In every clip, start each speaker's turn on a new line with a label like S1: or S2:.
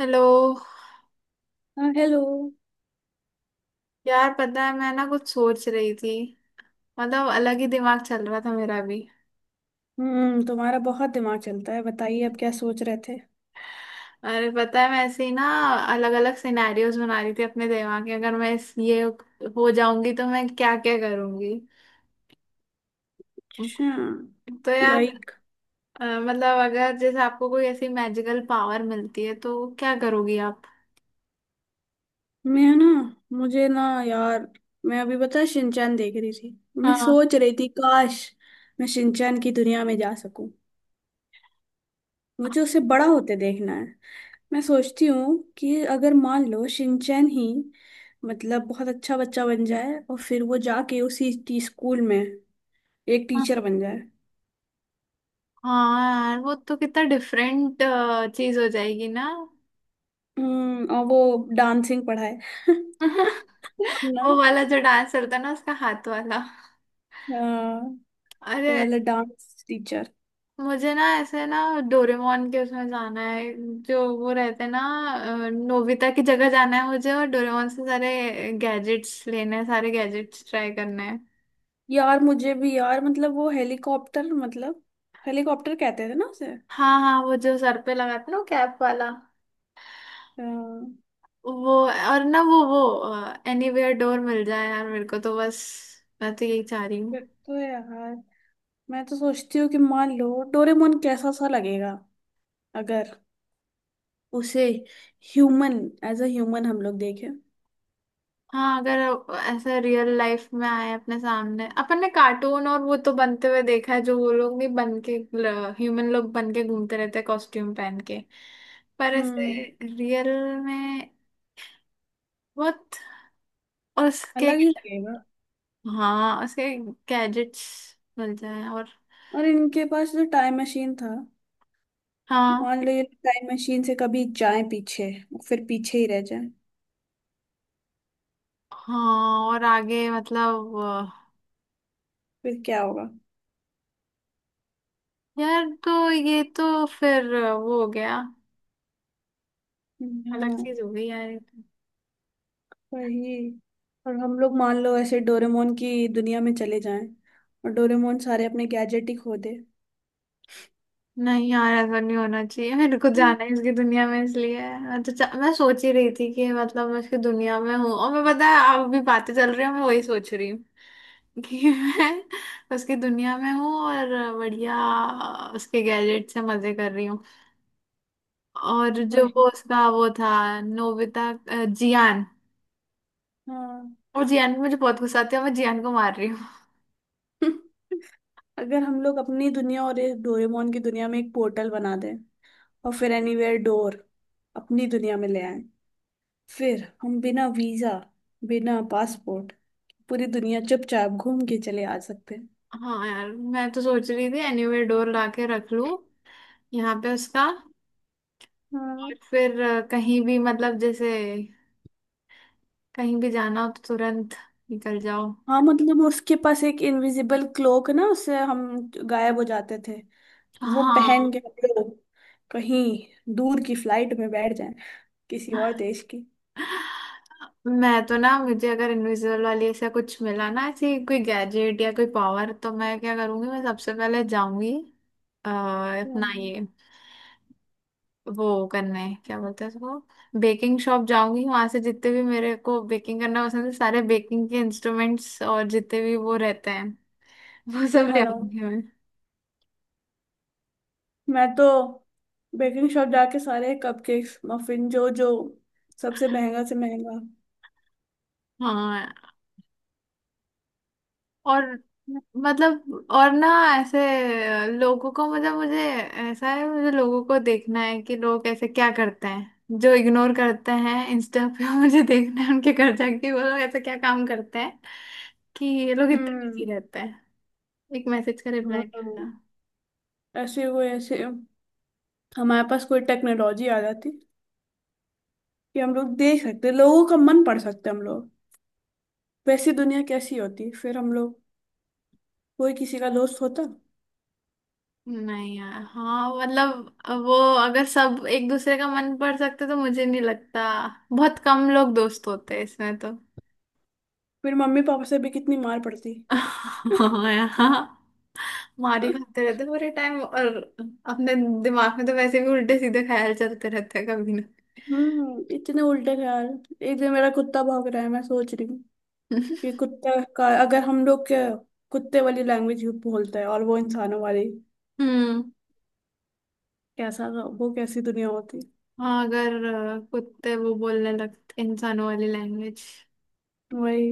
S1: Hello.
S2: हाँ, hello.
S1: यार पता है मैं ना कुछ सोच रही थी। मतलब अलग ही दिमाग चल रहा था मेरा भी।
S2: तुम्हारा बहुत दिमाग चलता है। बताइए, अब क्या सोच रहे थे?
S1: अरे पता है मैं ऐसे ही ना अलग अलग सिनेरियोज बना रही थी अपने दिमाग में, अगर मैं ये हो जाऊंगी तो मैं क्या क्या करूंगी।
S2: अच्छा।
S1: तो यार
S2: लाइक।
S1: मतलब अगर जैसे आपको कोई ऐसी मैजिकल पावर मिलती है तो क्या करोगी आप।
S2: मैं ना। मुझे ना। यार, मैं अभी बता शिनचैन देख रही थी। मैं
S1: हाँ।
S2: सोच रही थी, काश मैं शिनचैन की दुनिया में जा सकूं। मुझे उसे बड़ा होते देखना है। मैं सोचती हूँ कि अगर मान लो शिनचैन ही मतलब बहुत अच्छा बच्चा बन जाए और फिर वो जाके उसी टी स्कूल में एक
S1: हाँ।
S2: टीचर बन जाए।
S1: हाँ यार वो तो कितना डिफरेंट चीज हो जाएगी ना।
S2: और वो डांसिंग पढ़ाए। ना।
S1: वो वाला जो डांस चलता है ना, उसका हाथ वाला।
S2: हाँ,
S1: अरे
S2: वो वाला डांस टीचर।
S1: मुझे ना ऐसे ना डोरेमोन के उसमें जाना है, जो वो रहते हैं ना। नोबिता की जगह जाना है मुझे, और डोरेमोन से सारे गैजेट्स लेने हैं, सारे गैजेट्स ट्राई करने हैं।
S2: यार, मुझे भी यार मतलब वो हेलीकॉप्टर मतलब हेलीकॉप्टर कहते थे ना उसे।
S1: हाँ। हाँ वो जो सर पे लगाते हैं ना, कैप वाला।
S2: हाँ।
S1: वो और ना वो एनीवेयर डोर मिल जाए यार मेरे को, तो बस मैं तो यही चाह रही।
S2: फिर तो यार मैं तो सोचती हूँ कि मान लो डोरेमोन कैसा सा लगेगा, अगर उसे ह्यूमन, एज अ ह्यूमन हम लोग देखें।
S1: हाँ अगर ऐसा रियल लाइफ में आए अपने सामने, अपन ने कार्टून और वो तो बनते हुए देखा है जो वो लोग भी बन के ह्यूमन लोग बन के घूमते रहते हैं कॉस्ट्यूम पहन के। पर ऐसे
S2: हम्म
S1: रियल में बहुत। और उसके
S2: अलग ही लगेगा।
S1: हाँ उसके गैजेट्स मिल जाए और।
S2: और इनके पास जो टाइम मशीन था,
S1: हाँ।
S2: मान लो ये टाइम मशीन से कभी जाए पीछे, फिर पीछे ही रह जाए,
S1: हाँ और आगे मतलब
S2: फिर क्या होगा?
S1: यार तो ये तो फिर वो हो गया। अलग
S2: हाँ।
S1: चीज हो गई यार ये तो।
S2: वही। और हम लोग मान लो ऐसे डोरेमोन की दुनिया में चले जाएं और डोरेमोन सारे अपने गैजेट ही खो दे।
S1: नहीं यार ऐसा नहीं होना चाहिए, मेरे को
S2: हम्म,
S1: जाना है इसकी दुनिया में, इसलिए मैं तो मैं सोच ही रही थी कि मतलब मैं इसकी दुनिया में हूँ और मैं पता है आप भी बातें चल रही है मैं वही सोच रही हूँ। कि मैं उसकी दुनिया में हूँ और बढ़िया उसके गैजेट से मजे कर रही हूँ, और जो
S2: वही।
S1: वो उसका वो था नोबिता, जियान।
S2: हाँ।
S1: और जियान पे मुझे बहुत गुस्सा आती है, मैं जियान को मार रही हूँ।
S2: अगर हम लोग अपनी दुनिया और इस डोरेमोन की दुनिया में एक पोर्टल बना दें और फिर एनीवेयर डोर अपनी दुनिया में ले आए, फिर हम बिना वीजा, बिना पासपोर्ट पूरी दुनिया चुपचाप घूम के चले आ सकते हैं।
S1: हाँ यार मैं तो सोच रही थी एनीवेयर डोर ला के रख लूँ यहाँ पे उसका,
S2: हाँ।
S1: और फिर कहीं भी मतलब जैसे कहीं भी जाना हो तो तुरंत निकल जाओ।
S2: हाँ, मतलब उसके पास एक इनविजिबल क्लोक ना, उससे हम गायब हो जाते थे। वो पहन
S1: हाँ
S2: के हम लोग कहीं दूर की फ्लाइट में बैठ जाएं, किसी और देश की।
S1: मैं तो ना, मुझे अगर इनविजिबल वाली ऐसा कुछ मिला ना, ऐसी कोई गैजेट या कोई पावर, तो मैं क्या करूंगी, मैं सबसे पहले जाऊंगी अपना
S2: हम्म।
S1: ये वो करने क्या बोलते हैं उसको, बेकिंग शॉप जाऊंगी, वहां से जितने भी मेरे को बेकिंग करना पसंद है सारे बेकिंग के इंस्ट्रूमेंट्स और जितने भी वो रहते हैं वो सब ले
S2: उठा लाऊं।
S1: आऊंगी मैं।
S2: मैं तो बेकिंग शॉप जाके सारे कपकेक्स, मफिन, जो जो सबसे महंगा से महंगा।
S1: हाँ और मतलब और ना ऐसे लोगों को, मतलब मुझे ऐसा है मुझे लोगों को देखना है कि लोग ऐसे क्या करते हैं जो इग्नोर करते हैं इंस्टा पे। मुझे देखना है उनके घर जाके वो लोग ऐसे क्या काम करते हैं, कि ये लोग इतने
S2: हम्म।
S1: बिजी रहते हैं एक मैसेज का रिप्लाई नहीं
S2: हाँ।
S1: आता।
S2: ऐसे कोई ऐसे हमारे पास कोई टेक्नोलॉजी आ जाती कि हम लोग देख सकते, लोगों का मन पढ़ सकते हम लोग। वैसी दुनिया कैसी होती, फिर हम लोग कोई किसी का दोस्त होता।
S1: नहीं यार, हाँ मतलब वो अगर सब एक दूसरे का मन पढ़ सकते तो मुझे नहीं लगता बहुत कम लोग दोस्त होते हैं इसमें तो।
S2: फिर मम्मी पापा से भी कितनी मार पड़ती।
S1: हाँ यार, मार ही खाते रहते हैं पूरे टाइम, और अपने दिमाग में तो वैसे भी उल्टे सीधे ख्याल चलते रहते हैं कभी ना।
S2: इतने उल्टे ख्याल। एक दिन मेरा कुत्ता भौंक रहा है, मैं सोच रही हूँ कि कुत्ता का अगर हम लोग के कुत्ते वाली लैंग्वेज बोलता है और वो इंसानों वाली,
S1: हम्म।
S2: कैसा, वो कैसी दुनिया होती।
S1: हाँ, अगर कुत्ते वो बोलने लगते इंसानों वाली लैंग्वेज,
S2: वही।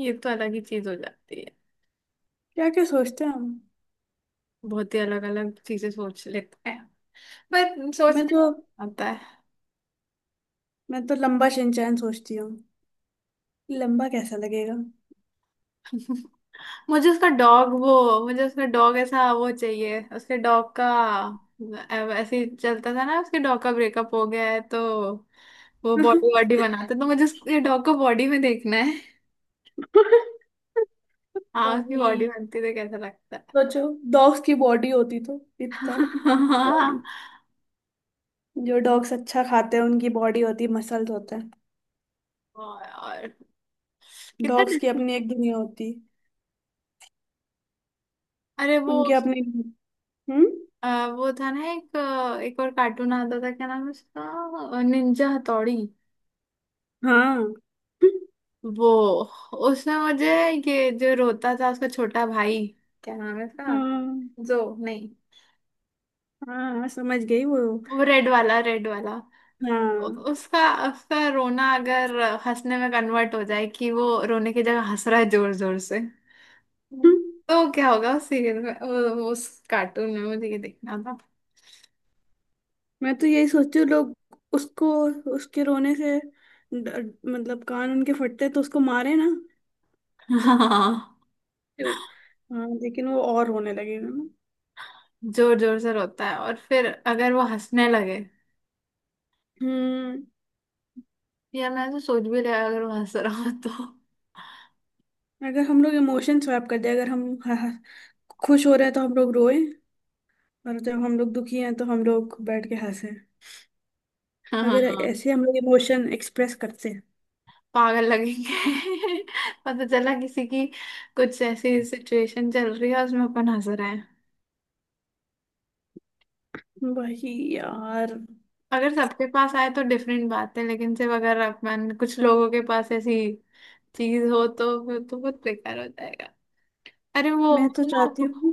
S1: ये तो अलग ही चीज हो जाती है।
S2: क्या क्या सोचते हैं हम।
S1: बहुत ही अलग अलग चीजें सोच लेते हैं, पर
S2: मैं
S1: सोचने
S2: तो
S1: आता
S2: मैं तो लंबा शिनचैन सोचती हूँ। लंबा कैसा लगेगा।
S1: है। मुझे उसका डॉग वो, मुझे उसका डॉग ऐसा वो चाहिए उसके डॉग का, ऐसे ही चलता था ना, उसके डॉग का ब्रेकअप हो गया है तो वो बॉडी बॉडी बनाता है, तो मुझे उसके डॉग को बॉडी में देखना है। हाँ उसकी बॉडी
S2: वही।
S1: बनती तो कैसा लगता है।
S2: सोचो, डॉग्स की बॉडी होती तो इतना बॉडी। जो डॉग्स अच्छा खाते हैं उनकी बॉडी होती, मसल्स होते हैं।
S1: और कितना
S2: डॉग्स की
S1: डिफरेंट।
S2: अपनी एक दुनिया होती,
S1: अरे वो
S2: उनके अपने। हम्म।
S1: अ, वो था ना, एक और कार्टून आता था क्या नाम है उसका, निंजा हथौड़ी।
S2: हाँ।
S1: वो उसमें मुझे ये जो रोता था उसका छोटा भाई, क्या नाम है उसका,
S2: हाँ,
S1: जो नहीं
S2: हाँ, समझ गई वो।
S1: वो रेड वाला रेड वाला, उ-
S2: हाँ।
S1: उसका उसका रोना अगर हंसने में कन्वर्ट हो जाए, कि वो रोने की जगह हंस रहा है जोर जोर से। हम्म।
S2: हम्म,
S1: तो क्या होगा उस सीरियल में, उस कार्टून में मुझे ये देखना था।
S2: मैं तो यही सोचू, लोग उसको उसके रोने से मतलब कान उनके फटते तो उसको मारे ना।
S1: हाँ
S2: तो, हाँ, लेकिन वो और रोने लगेगा ना।
S1: जोर जोर से रोता है और फिर अगर वो हंसने लगे।
S2: हम्म
S1: यार मैंने तो सोच भी लिया अगर वो हंस रहा हो तो।
S2: अगर हम लोग इमोशन स्वैप कर दे, अगर हम खुश हो रहे हैं तो हम लोग रोए, और जब हम लोग दुखी हैं तो हम लोग बैठ के हंसे।
S1: हाँ
S2: अगर ऐसे हम लोग इमोशन एक्सप्रेस करते हैं।
S1: पागल लगेंगे। पता चला किसी की कुछ ऐसी सिचुएशन चल रही है उसमें अपन हंस रहे।
S2: वही यार।
S1: अगर सबके पास आए तो डिफरेंट बात है, लेकिन सिर्फ अगर अपन कुछ लोगों के पास ऐसी चीज हो तो फिर तो बहुत बेकार हो जाएगा। अरे वो
S2: मैं तो
S1: ना,
S2: चाहती हूँ।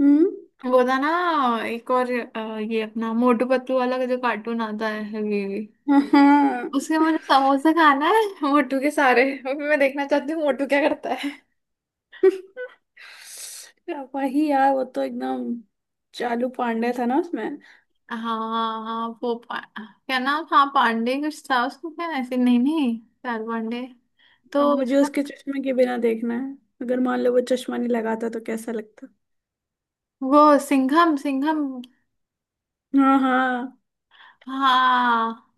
S2: हम्म।
S1: वो था ना एक और ये अपना मोटू पतलू वाला का जो कार्टून आता है ये,
S2: हाँ।
S1: उसके मुझे समोसे खाना है मोटू के सारे, और फिर मैं देखना चाहती हूँ मोटू क्या करता है।
S2: वही यार, वो तो एकदम चालू पांडे था ना उसमें।
S1: हाँ। हाँ वो क्या नाम, हाँ पांडे कुछ था उसको, क्या ऐसे, नहीं नहीं चार पांडे, तो
S2: हाँ, मुझे उसके चश्मे के बिना देखना है। अगर मान लो वो चश्मा नहीं लगाता तो कैसा लगता।
S1: वो सिंघम सिंघम।
S2: हाँ, हाँ।
S1: हाँ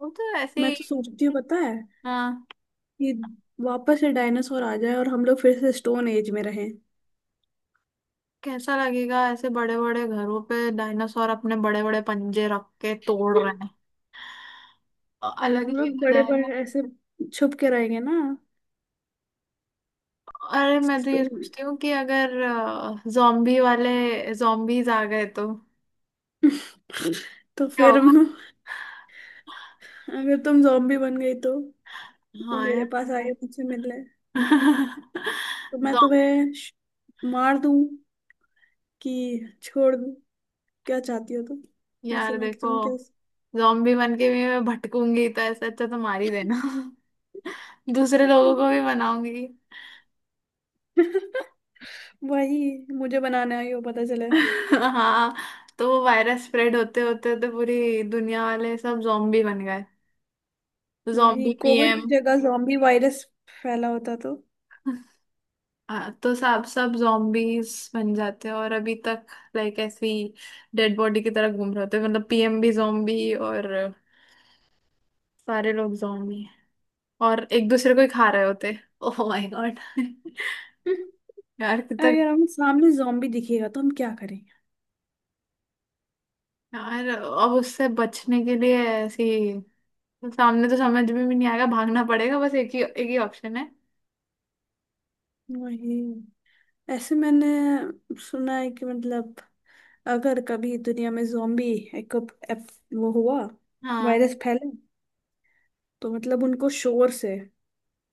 S1: वो तो ऐसे
S2: मैं तो
S1: ही।
S2: सोचती हूँ, पता है,
S1: हाँ
S2: कि वापस से डायनासोर आ जाए और हम लोग फिर से स्टोन एज में रहें।
S1: कैसा लगेगा ऐसे बड़े बड़े घरों पे डायनासोर अपने बड़े बड़े पंजे रख के तोड़ रहे हैं। अलग
S2: हम
S1: ही
S2: लोग
S1: मजा
S2: बड़े बड़े
S1: आएगा।
S2: ऐसे छुप के रहेंगे ना।
S1: अरे मैं तो
S2: तो,
S1: ये सोचती हूँ कि अगर जॉम्बी वाले जॉम्बीज आ गए तो
S2: तो
S1: क्या
S2: फिर अगर
S1: होगा।
S2: तुम जॉम्बी बन गई तो, वो
S1: हाँ
S2: मेरे पास आए
S1: यार।
S2: मुझसे मिलने, तो मैं
S1: Zo-
S2: तुम्हें मार दूं कि छोड़ दूं, क्या चाहती हो तुम, ऐसे
S1: यार
S2: में कि
S1: देखो,
S2: तुम क्या।
S1: जॉम्बी बन के भी मैं भटकूंगी तो ऐसे, अच्छा तो मार ही देना। दूसरे लोगों को भी बनाऊंगी।
S2: वही। मुझे बनाने आई हो पता चले।
S1: हाँ तो वो वायरस स्प्रेड होते होते तो पूरी दुनिया वाले सब zombie बन गए, तो
S2: वही,
S1: zombie
S2: कोविड
S1: पीएम।
S2: की जगह जॉम्बी वायरस फैला होता तो।
S1: हाँ तो सब सब zombies बन जाते हैं और अभी तक लाइक ऐसी डेड बॉडी की तरह घूम रहे होते हैं, मतलब पीएम भी zombie और सारे लोग zombie हैं, और एक दूसरे को ही खा रहे होते। Oh my God. यार कितना।
S2: अगर हम सामने जॉम्बी दिखेगा तो हम क्या करेंगे?
S1: यार अब उससे बचने के लिए ऐसी, सामने तो समझ में भी नहीं आएगा, भागना पड़ेगा, बस एक ही ऑप्शन है।
S2: वही। ऐसे मैंने सुना है कि मतलब अगर कभी दुनिया में जॉम्बी, एक एप, वो हुआ,
S1: हाँ।
S2: वायरस फैले, तो मतलब उनको शोर से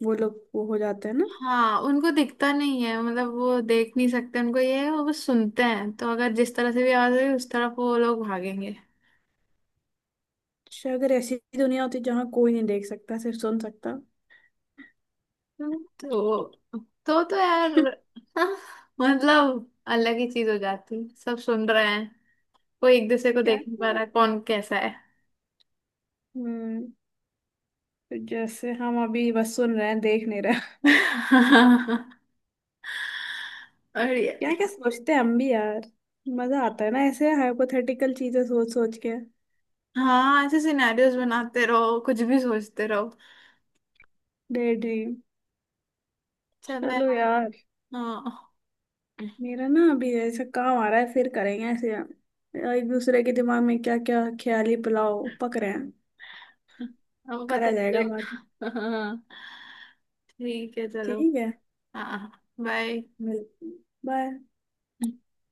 S2: वो लोग वो हो जाते हैं ना।
S1: हाँ उनको दिखता नहीं है, मतलब वो देख नहीं सकते, उनको ये है वो बस सुनते हैं, तो अगर जिस तरह से भी आवाज आई उस तरफ वो लोग भागेंगे।
S2: अच्छा, अगर ऐसी दुनिया होती जहाँ कोई नहीं देख सकता, सिर्फ सुन सकता।
S1: तो तो यार। हाँ, मतलब अलग ही चीज हो जाती है, सब सुन रहे हैं कोई एक दूसरे को
S2: क्या
S1: देख नहीं
S2: क्या।
S1: पा रहा है, कौन कैसा है।
S2: हम्म तो जैसे हम अभी बस सुन रहे हैं, देख नहीं रहे।
S1: और
S2: क्या क्या सोचते हैं हम भी यार। मजा आता है ना ऐसे हाइपोथेटिकल चीजें सोच सोच के।
S1: हाँ ऐसे सिनेरियोस बनाते रहो, कुछ भी सोचते रहो।
S2: Day dream.
S1: चलो
S2: चलो
S1: यार।
S2: यार।
S1: हाँ।
S2: मेरा ना अभी ऐसा काम आ रहा है, फिर करेंगे ऐसे, एक दूसरे के दिमाग में क्या क्या ख्याली पुलाव पक रहे हैं,
S1: हाँ, पता
S2: करा जाएगा बात।
S1: चलेगा। हाँ ठीक है चलो।
S2: ठीक है,
S1: हाँ। बाय।
S2: मिलते हैं। बाय।